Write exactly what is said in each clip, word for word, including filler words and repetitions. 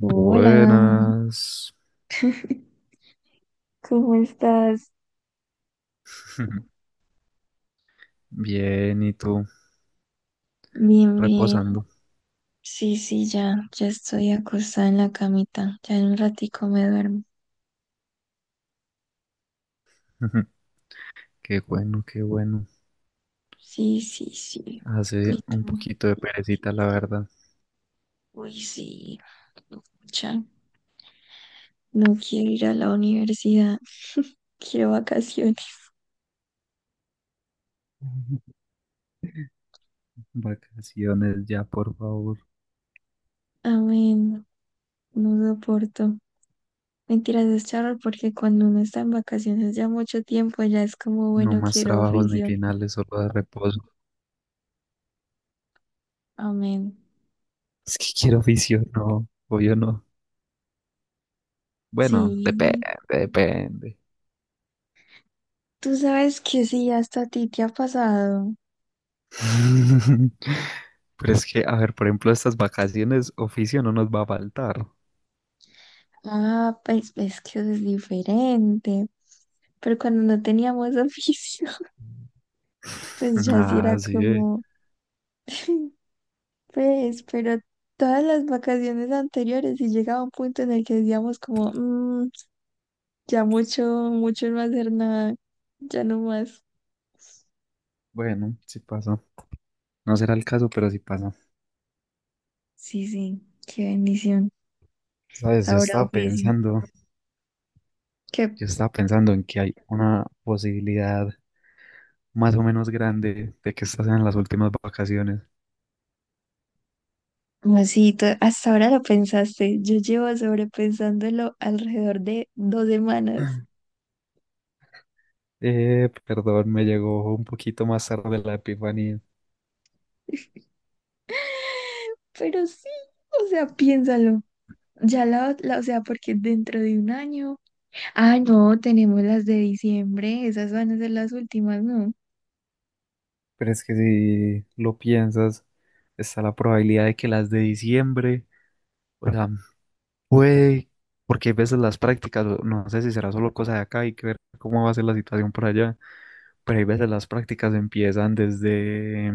Hola, ¿cómo estás? Bien, ¿y tú? Bien, bien. Reposando. Sí, sí, ya, ya estoy acostada en la camita. Ya en un ratico me duermo. Qué bueno, qué bueno. Sí, sí, sí. ¿Y Hace un tú? poquito de perecita, la verdad. Uy, sí. Ya, no quiero ir a la universidad. Quiero vacaciones. Vacaciones ya, por favor. Amén. No soporto. Mentiras, es charro porque cuando uno está en vacaciones ya mucho tiempo, ya es como, No bueno, más quiero trabajos ni oficio. finales, solo de reposo. Amén. Es que quiero oficio, no, yo no. Bueno, depende, Sí, depende. tú sabes que sí, hasta a ti te ha pasado. Pero es que, a ver, por ejemplo, estas vacaciones, oficio no nos va a faltar. Ah, pues es que es diferente. Pero cuando no teníamos oficio, pues ya sí era Ah, sí, eh. como, pues, pero todas las vacaciones anteriores y llegaba un punto en el que decíamos como, "Mm, ya mucho, mucho no hacer nada, ya no más". Bueno, sí pasa. No será el caso, pero sí pasa. Sí, sí, qué bendición. Sabes, yo Ahora estaba oficio. pensando, Qué yo estaba pensando en que hay una posibilidad más o menos grande de que estas sean las últimas vacaciones. masito. Hasta ahora lo pensaste. Yo llevo sobrepensándolo alrededor de dos semanas. Eh, perdón, me llegó un poquito más tarde la epifanía, Pero sí, o sea, piénsalo. Ya la, la- o sea, porque dentro de un año. Ah, no, tenemos las de diciembre. Esas van a ser las últimas, ¿no? pero es que si lo piensas, está la probabilidad de que las de diciembre, o sea, puede, porque hay veces las prácticas, o no sé si será solo cosa de acá, hay que ver cómo va a ser la situación por allá, pero hay veces las prácticas empiezan desde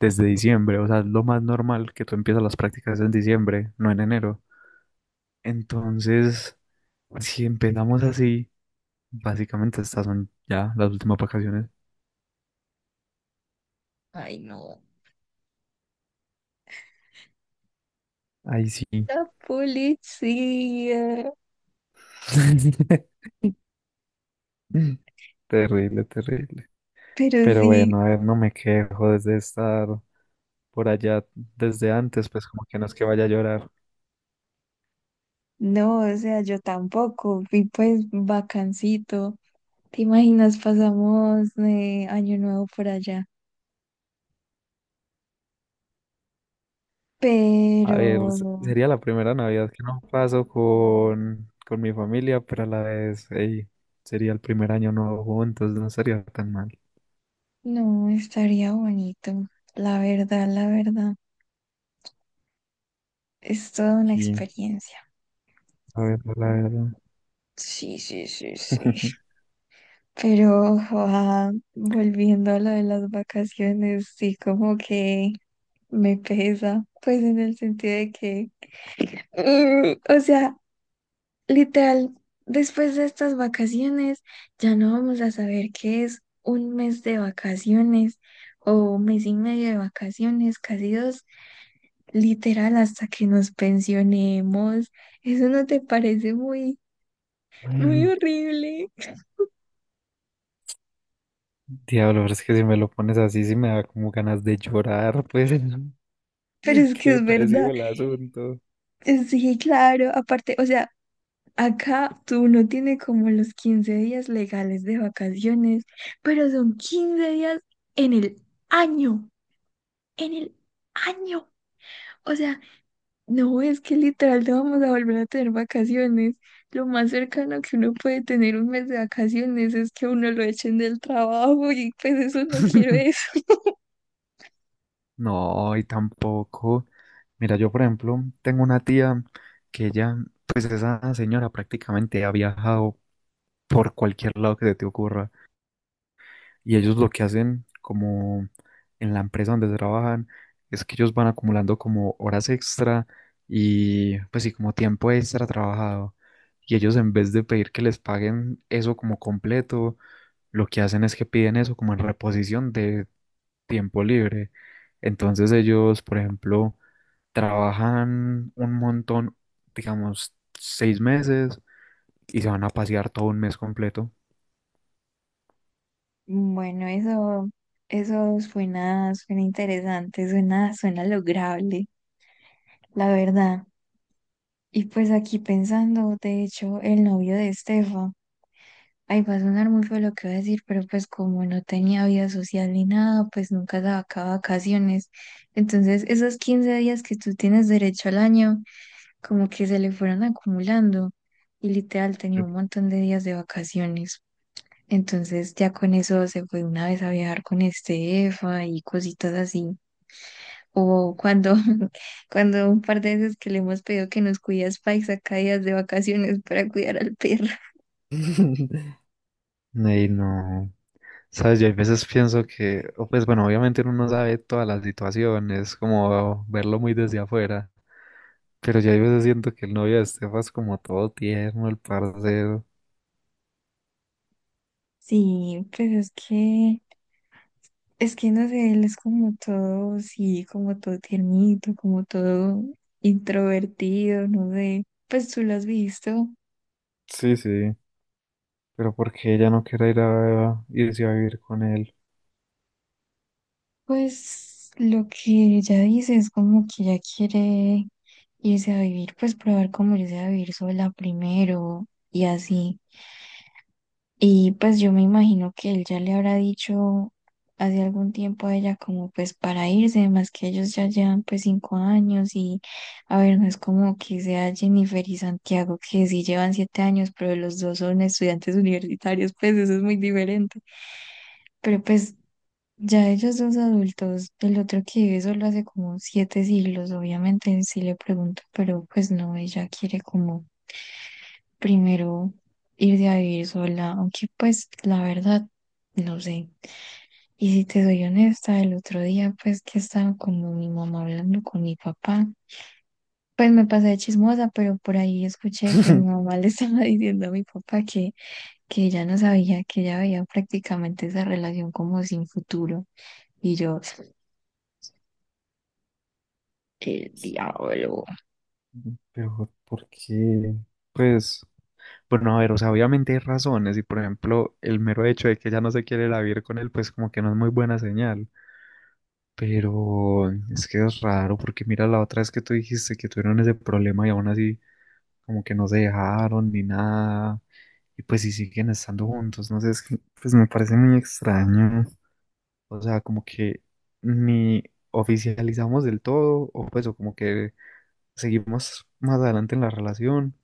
desde diciembre, o sea, es lo más normal que tú empiezas las prácticas en diciembre, no en enero. Entonces, si empezamos así, básicamente estas son ya las últimas vacaciones. Ay, no. Ahí sí. La policía. Terrible, terrible. Pero Pero sí, bueno, a ver, no me quejo desde estar por allá desde antes, pues como que no es que vaya a llorar. no, o sea, yo tampoco. Y pues vacancito. ¿Te imaginas? Pasamos eh, año nuevo por allá. A Pero ver, s- sería la primera Navidad que no paso con, con mi familia, pero a la vez, ey, sería el primer año nuevo juntos, no sería tan mal. no, estaría bonito. La verdad, la verdad. Es toda una Y, experiencia. a ver, la verdad. Sí, sí, sí, sí. Pero ah, volviendo a lo de las vacaciones, sí, como que me pesa, pues en el sentido de que, mm, o sea, literal, después de estas vacaciones ya no vamos a saber qué es un mes de vacaciones o un mes y medio de vacaciones, casi dos, literal, hasta que nos pensionemos. ¿Eso no te parece muy, muy horrible? Diablo, pero es que si me lo pones así, sí me da como ganas de llorar, pues. Pero es que Qué es verdad. depresivo el asunto. Sí, claro, aparte, o sea, acá tú no tiene como los quince días legales de vacaciones, pero son quince días en el año, en el año. O sea, no es que literal no vamos a volver a tener vacaciones. Lo más cercano que uno puede tener un mes de vacaciones es que uno lo echen del trabajo y pues eso no quiero eso. No, y tampoco. Mira, yo por ejemplo tengo una tía que ella, pues esa señora prácticamente ha viajado por cualquier lado que se te ocurra. Y ellos lo que hacen como en la empresa donde trabajan es que ellos van acumulando como horas extra y pues sí, como tiempo extra trabajado. Y ellos en vez de pedir que les paguen eso como completo, lo que hacen es que piden eso como en reposición de tiempo libre. Entonces ellos, por ejemplo, trabajan un montón, digamos, seis meses y se van a pasear todo un mes completo. Bueno, eso, eso suena, suena interesante, suena, suena lograble, la verdad. Y pues aquí pensando, de hecho, el novio de Estefa, ahí va a sonar muy feo lo que voy a decir, pero pues como no tenía vida social ni nada, pues nunca sacaba vacaciones. Entonces, esos quince días que tú tienes derecho al año, como que se le fueron acumulando y literal tenía un montón de días de vacaciones. Entonces, ya con eso se fue una vez a viajar con Estefa y cositas así. O cuando, cuando un par de veces que le hemos pedido que nos cuide a Spike, saca días de vacaciones para cuidar al perro. Ey, no. Sabes, yo a veces pienso que, o pues bueno, obviamente uno no sabe todas las situaciones, como verlo muy desde afuera, pero yo a veces siento que el novio de Estefa es como todo tierno, el parcero. Sí, pues es que, es que no sé, él es como todo, sí, como todo tiernito, como todo introvertido, no sé. Pues tú lo has visto. Sí, sí, pero ¿por qué ella no quiere ir a irse a vivir con él? Pues lo que ella dice es como que ella quiere irse a vivir, pues probar cómo irse a vivir sola primero y así. Y pues yo me imagino que él ya le habrá dicho hace algún tiempo a ella como pues para irse, más que ellos ya llevan pues cinco años y a ver, no es como que sea Jennifer y Santiago que sí llevan siete años, pero los dos son estudiantes universitarios, pues eso es muy diferente. Pero pues ya ellos dos adultos, el otro que vive solo hace como siete siglos, obviamente sí le pregunto, pero pues no, ella quiere como primero irse a vivir sola, aunque pues la verdad, no sé. Y si te soy honesta, el otro día pues que estaba con mi mamá hablando con mi papá, pues me pasé de chismosa, pero por ahí escuché que mi mamá le estaba diciendo a mi papá que, que ella no sabía, que ella veía prácticamente esa relación como sin futuro. Y yo, el diablo. Pero ¿por qué? Pues, bueno, a ver, o sea, obviamente hay razones y por ejemplo, el mero hecho de que ella no se quiere ir a vivir con él, pues como que no es muy buena señal. Pero es que es raro porque mira la otra vez que tú dijiste que tuvieron ese problema y aún así como que no se dejaron ni nada. Y pues si siguen estando juntos, no sé, es que pues me parece muy extraño. O sea, como que ni oficializamos del todo o pues o como que seguimos más adelante en la relación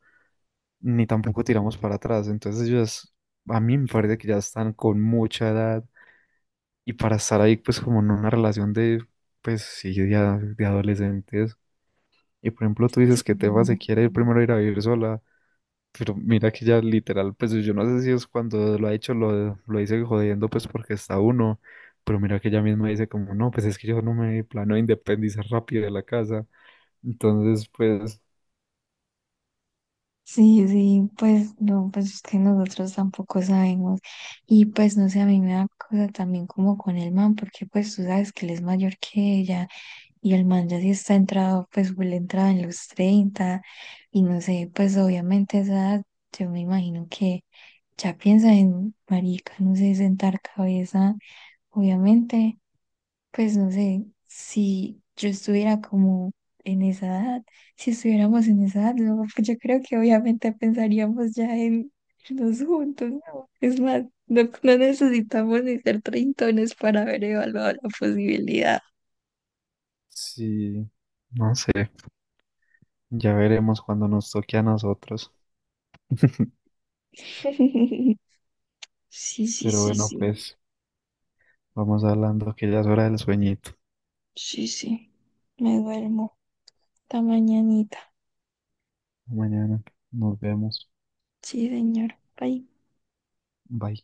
ni tampoco tiramos para atrás. Entonces ellos a mí me parece que ya están con mucha edad y para estar ahí, pues como en una relación de, pues sí, de, a- de adolescentes. Y por ejemplo, tú dices que Tefa se quiere ir primero ir a vivir sola, pero mira que ya literal, pues yo no sé si es cuando lo ha hecho, lo, lo dice jodiendo, pues porque está uno, pero mira que ella misma dice como, no, pues es que yo no me planeo independizar rápido de la casa. Entonces, pues Sí, sí, pues no, pues es que nosotros tampoco sabemos. Y pues no sé, a mí me da cosa también como con el man, porque pues tú sabes que él es mayor que ella y el man ya sí está entrado, pues él entraba en los treinta y no sé, pues obviamente a esa edad yo me imagino que ya piensa en marica, no sé, sentar cabeza, obviamente, pues no sé, si yo estuviera como en esa edad, si estuviéramos en esa edad, no, pues yo creo que obviamente pensaríamos ya en irnos juntos, ¿no? Es más, no, no necesitamos ni ser treintones para haber evaluado la posibilidad. sí, no sé, ya veremos cuando nos toque a nosotros. Sí, sí, Pero sí, bueno, sí, pues vamos hablando que ya es hora del sueñito. sí, sí. Me duermo. Hasta mañanita. Mañana nos vemos. Sí, señor. Bye. Bye.